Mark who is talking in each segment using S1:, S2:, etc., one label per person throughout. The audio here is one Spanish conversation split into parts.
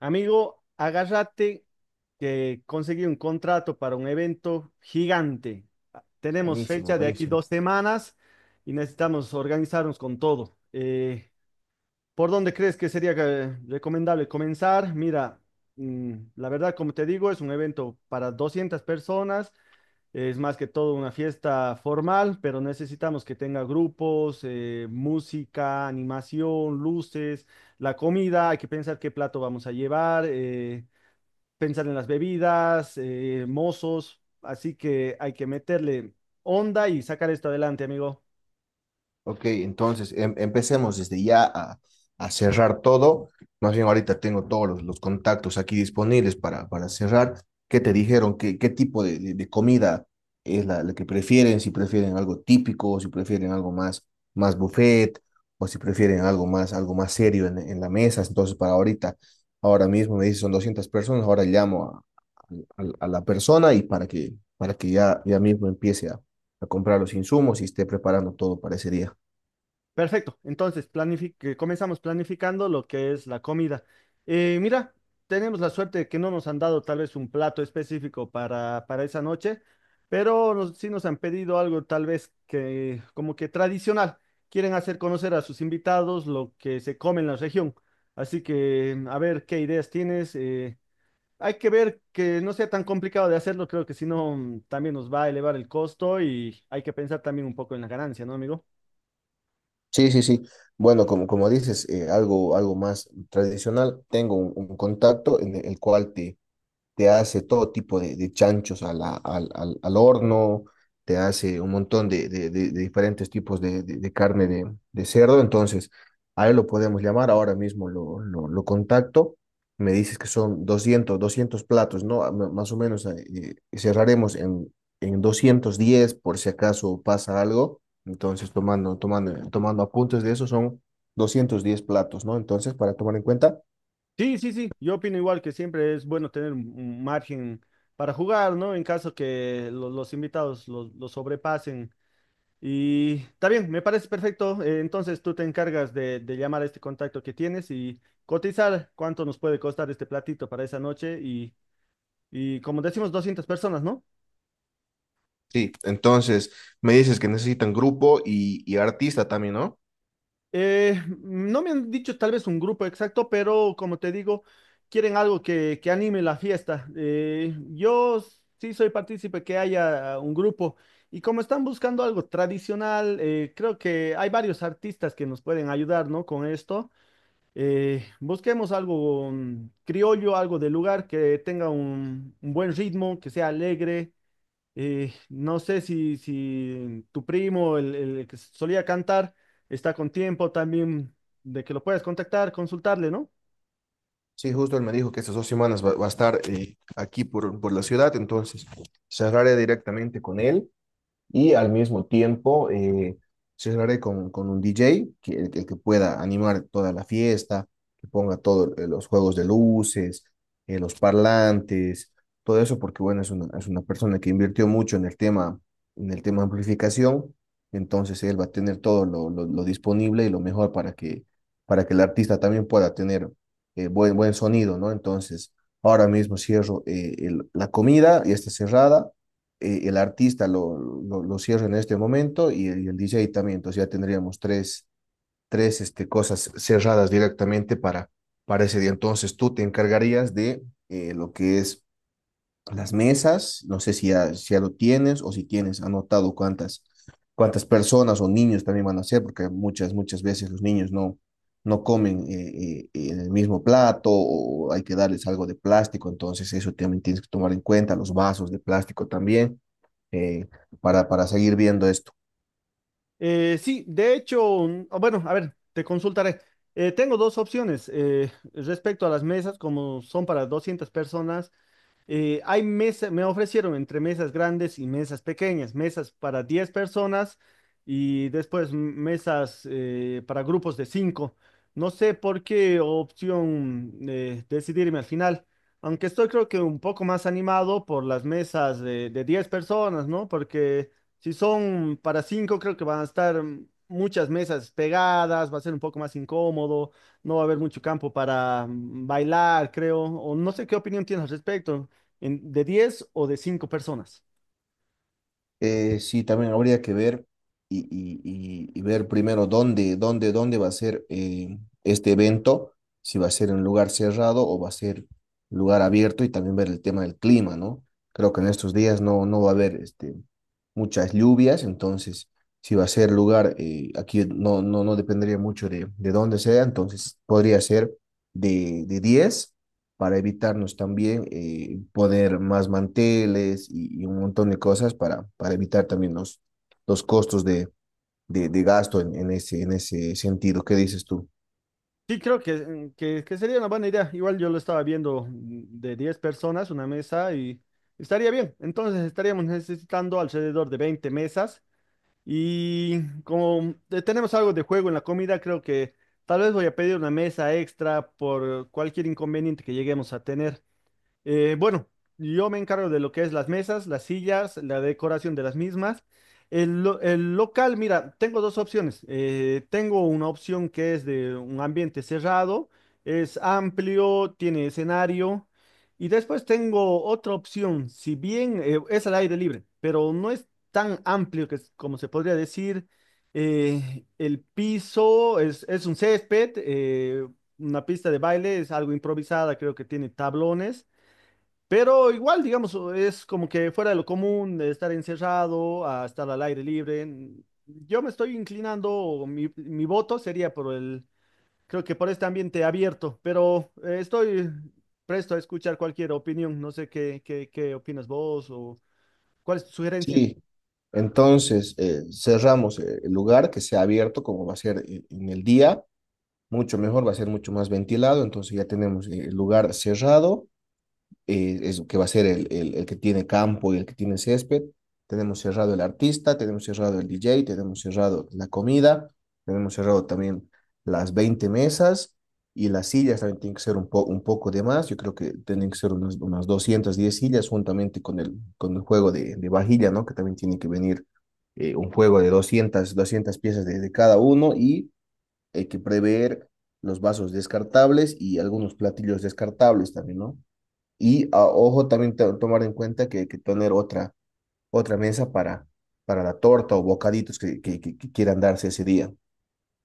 S1: Amigo, agárrate que conseguí un contrato para un evento gigante. Tenemos
S2: Buenísimo,
S1: fecha de aquí
S2: buenísimo.
S1: 2 semanas y necesitamos organizarnos con todo. ¿Por dónde crees que sería recomendable comenzar? Mira, la verdad, como te digo, es un evento para 200 personas. Es más que todo una fiesta formal, pero necesitamos que tenga grupos, música, animación, luces, la comida. Hay que pensar qué plato vamos a llevar, pensar en las bebidas, mozos. Así que hay que meterle onda y sacar esto adelante, amigo.
S2: Ok, entonces empecemos desde ya a cerrar todo. Más bien ahorita tengo los contactos aquí disponibles para cerrar. ¿Qué te dijeron? ¿Qué tipo de comida es la que prefieren? Si prefieren algo típico, o si prefieren algo más, más buffet, o si prefieren algo más serio en la mesa. Entonces, para ahorita, ahora mismo me dice son 200 personas, ahora llamo a, a la persona y para que ya, ya mismo empiece a comprar los insumos y esté preparando todo para ese día.
S1: Perfecto, entonces que comenzamos planificando lo que es la comida. Mira, tenemos la suerte de que no nos han dado tal vez un plato específico para esa noche, pero sí nos han pedido algo tal vez que como que tradicional. Quieren hacer conocer a sus invitados lo que se come en la región. Así que a ver qué ideas tienes. Hay que ver que no sea tan complicado de hacerlo, creo que si no también nos va a elevar el costo y hay que pensar también un poco en la ganancia, ¿no, amigo?
S2: Sí, sí, sí. Bueno, como dices, algo más tradicional, tengo un contacto en el cual te, te hace todo tipo de chanchos a la- al, al, al horno, te hace un montón de diferentes tipos de carne de cerdo, entonces a él lo podemos llamar, ahora mismo lo contacto, me dices que son 200 platos, ¿no? Más o menos cerraremos en 210 por si acaso pasa algo, entonces tomando apuntes de eso son 210 platos, ¿no? Entonces, para tomar en cuenta.
S1: Sí, sí, sí, yo opino igual que siempre es bueno tener un margen para jugar, ¿no? En caso que los invitados lo sobrepasen. Y está bien, me parece perfecto. Entonces tú te encargas de llamar a este contacto que tienes y cotizar cuánto nos puede costar este platito para esa noche y como decimos, 200 personas, ¿no?
S2: Sí, entonces me dices que necesitan grupo y artista también, ¿no?
S1: Eh, no me han dicho tal vez un grupo exacto, pero como te digo, quieren algo que anime la fiesta. Yo sí soy partícipe que haya un grupo y como están buscando algo tradicional, creo que hay varios artistas que nos pueden ayudar, ¿no? Con esto. Busquemos algo criollo, algo de lugar que tenga un buen ritmo, que sea alegre. No sé si tu primo, el que solía cantar, está con tiempo también de que lo puedas contactar, consultarle, ¿no?
S2: Sí, justo él me dijo que estas dos semanas va, va a estar aquí por la ciudad, entonces cerraré directamente con él y al mismo tiempo cerraré con un DJ, que, el que pueda animar toda la fiesta, que ponga todos los juegos de luces, los parlantes, todo eso, porque bueno, es una persona que invirtió mucho en el tema amplificación, entonces él va a tener todo lo disponible y lo mejor para que el artista también pueda tener buen sonido, ¿no? Entonces, ahora mismo cierro la comida y está cerrada, el artista cierra en este momento y el DJ también. Entonces ya tendríamos tres este, cosas cerradas directamente para ese día. Entonces tú te encargarías de lo que es las mesas. No sé si ya, si ya lo tienes o si tienes anotado cuántas, cuántas personas o niños también van a ser, porque muchas, muchas veces los niños no, no comen en el mismo plato o hay que darles algo de plástico, entonces eso también tienes que tomar en cuenta, los vasos de plástico también eh, para seguir viendo esto.
S1: Sí, de hecho, o bueno, a ver, te consultaré. Tengo dos opciones respecto a las mesas, como son para 200 personas. Hay mesas, me ofrecieron entre mesas grandes y mesas pequeñas, mesas para 10 personas y después mesas para grupos de 5. No sé por qué opción decidirme al final, aunque estoy creo que un poco más animado por las mesas de 10 personas, ¿no? Porque si son para 5 creo que van a estar muchas mesas pegadas, va a ser un poco más incómodo, no va a haber mucho campo para bailar, creo, o no sé qué opinión tienes al respecto de 10 o de 5 personas.
S2: Sí, también habría que ver y ver primero dónde va a ser este evento, si va a ser en un lugar cerrado o va a ser lugar abierto y también ver el tema del clima, ¿no? Creo que en estos días no, no va a haber este, muchas lluvias, entonces si va a ser lugar, aquí no, no dependería mucho de dónde sea, entonces podría ser de 10 para evitarnos también poner más manteles y, un montón de cosas para evitar también los costos de, de gasto en ese sentido. ¿Qué dices tú?
S1: Sí, creo que sería una buena idea. Igual yo lo estaba viendo de 10 personas, una mesa y estaría bien. Entonces estaríamos necesitando alrededor de 20 mesas y como tenemos algo de juego en la comida, creo que tal vez voy a pedir una mesa extra por cualquier inconveniente que lleguemos a tener. Bueno, yo me encargo de lo que es las mesas, las sillas, la decoración de las mismas. El local, mira, tengo dos opciones. Tengo una opción que es de un ambiente cerrado, es amplio, tiene escenario. Y después tengo otra opción, si bien es al aire libre, pero no es tan amplio como se podría decir. El piso es un césped, una pista de baile, es algo improvisada, creo que tiene tablones. Pero igual, digamos, es como que fuera de lo común de estar encerrado a estar al aire libre. Yo me estoy inclinando, o mi voto sería por creo que por este ambiente abierto, pero estoy presto a escuchar cualquier opinión. No sé qué opinas vos o cuál es tu sugerencia.
S2: Sí, entonces cerramos el lugar que sea abierto como va a ser en el día, mucho mejor, va a ser mucho más ventilado, entonces ya tenemos el lugar cerrado, es, que va a ser el que tiene campo y el que tiene césped. Tenemos cerrado el artista, tenemos cerrado el DJ, tenemos cerrado la comida, tenemos cerrado también las 20 mesas y las sillas también tienen que ser un poco de más. Yo creo que tienen que ser unas 210 sillas juntamente con el juego de vajilla, ¿no? Que también tiene que venir un juego de 200 piezas de cada uno y hay que prever los vasos descartables y algunos platillos descartables también, ¿no? Y ojo, también tomar en cuenta que tener otra, otra mesa para la torta o bocaditos que, que quieran darse ese día.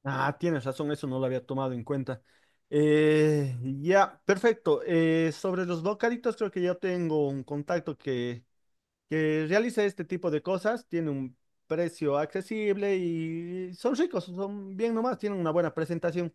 S1: Ah, tienes razón, eso no lo había tomado en cuenta. Ya, perfecto. Sobre los bocaditos, creo que ya tengo un contacto que realice este tipo de cosas, tiene un precio accesible y son ricos, son bien nomás, tienen una buena presentación.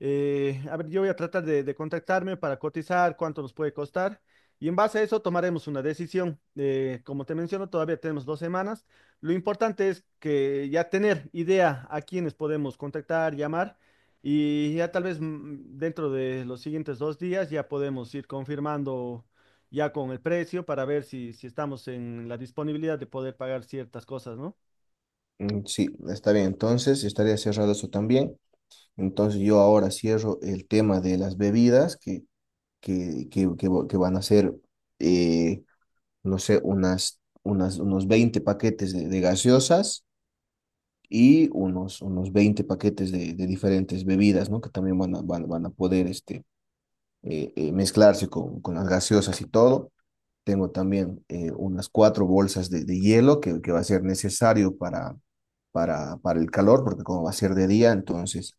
S1: A ver, yo voy a tratar de contactarme para cotizar cuánto nos puede costar y en base a eso tomaremos una decisión. Como te menciono, todavía tenemos 2 semanas. Lo importante es que ya tener idea a quiénes podemos contactar, llamar y ya tal vez dentro de los siguientes 2 días ya podemos ir confirmando ya con el precio para ver si estamos en la disponibilidad de poder pagar ciertas cosas, ¿no?
S2: Mm, sí, está bien. Entonces, estaría cerrado eso también. Entonces, yo ahora cierro el tema de las bebidas que van a ser, eh, no sé, unos 20 paquetes de gaseosas y unos 20 paquetes de diferentes bebidas, ¿no? Que también van a poder este, mezclarse con las gaseosas y todo. Tengo también unas cuatro bolsas de hielo que va a ser necesario para el calor, porque como va a ser de día, entonces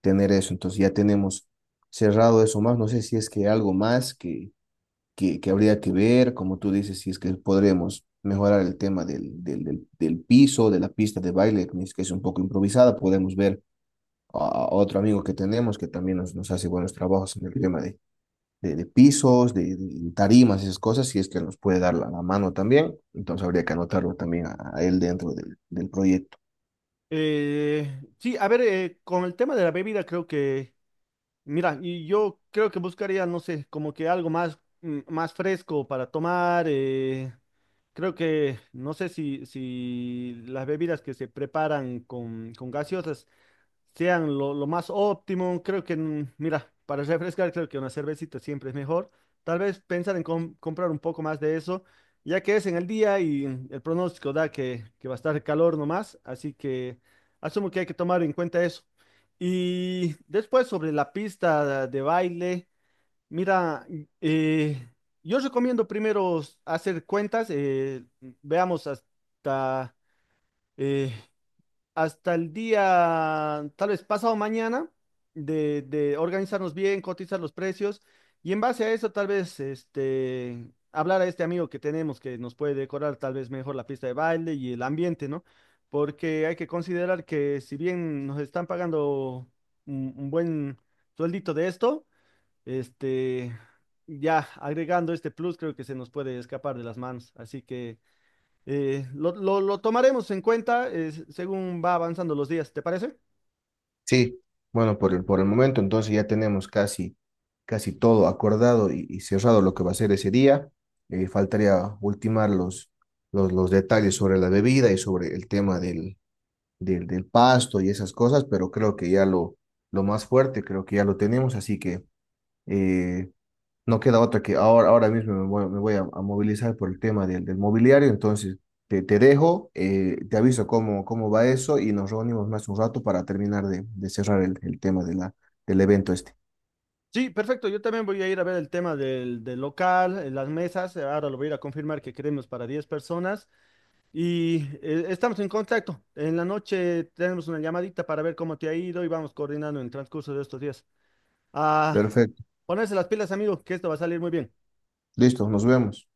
S2: tener eso. Entonces ya tenemos cerrado eso más. No sé si es que algo más que habría que ver, como tú dices, si es que podremos mejorar el tema del piso, de la pista de baile, que es un poco improvisada. Podemos ver a otro amigo que tenemos que también nos, nos hace buenos trabajos en el tema de de pisos, de tarimas, esas cosas, si es que nos puede dar la, la mano también. Entonces habría que anotarlo también a él dentro del, del proyecto.
S1: Sí, a ver, con el tema de la bebida creo que. Mira, y yo creo que buscaría, no sé, como que algo más, más fresco para tomar. Creo que, no sé si las bebidas que se preparan con gaseosas sean lo más óptimo. Creo que, mira, para refrescar, creo que una cervecita siempre es mejor. Tal vez pensar en comprar un poco más de eso, ya que es en el día y el pronóstico da que va a estar calor nomás, así que asumo que hay que tomar en cuenta eso. Y después sobre la pista de baile, mira, eh, yo recomiendo primero hacer cuentas, veamos eh, hasta el día, tal vez pasado mañana, de organizarnos bien, cotizar los precios y en base a eso tal vez hablar a este amigo que tenemos que nos puede decorar tal vez mejor la pista de baile y el ambiente, ¿no? Porque hay que considerar que si bien nos están pagando un buen sueldito de esto, este, ya agregando este plus creo que se nos puede escapar de las manos. Así que. Lo tomaremos en cuenta según va avanzando los días, ¿te parece?
S2: Sí, bueno, por el momento entonces ya tenemos casi, casi todo acordado y cerrado lo que va a ser ese día. Faltaría ultimar los detalles sobre la bebida y sobre el tema del pasto y esas cosas, pero creo que ya lo más fuerte, creo que ya lo tenemos, así que... Eh, no queda otra que ahora, ahora mismo me voy a movilizar por el tema del, del mobiliario, entonces te dejo, te aviso cómo, cómo va eso y nos reunimos más un rato para terminar de cerrar el tema de del evento este.
S1: Sí, perfecto. Yo también voy a ir a ver el tema del local, las mesas. Ahora lo voy a ir a confirmar que queremos para 10 personas. Y estamos en contacto. En la noche tenemos una llamadita para ver cómo te ha ido y vamos coordinando en el transcurso de estos días. Ah,
S2: Perfecto,
S1: ponerse las pilas, amigo, que esto va a salir muy bien.
S2: listo, nos vemos.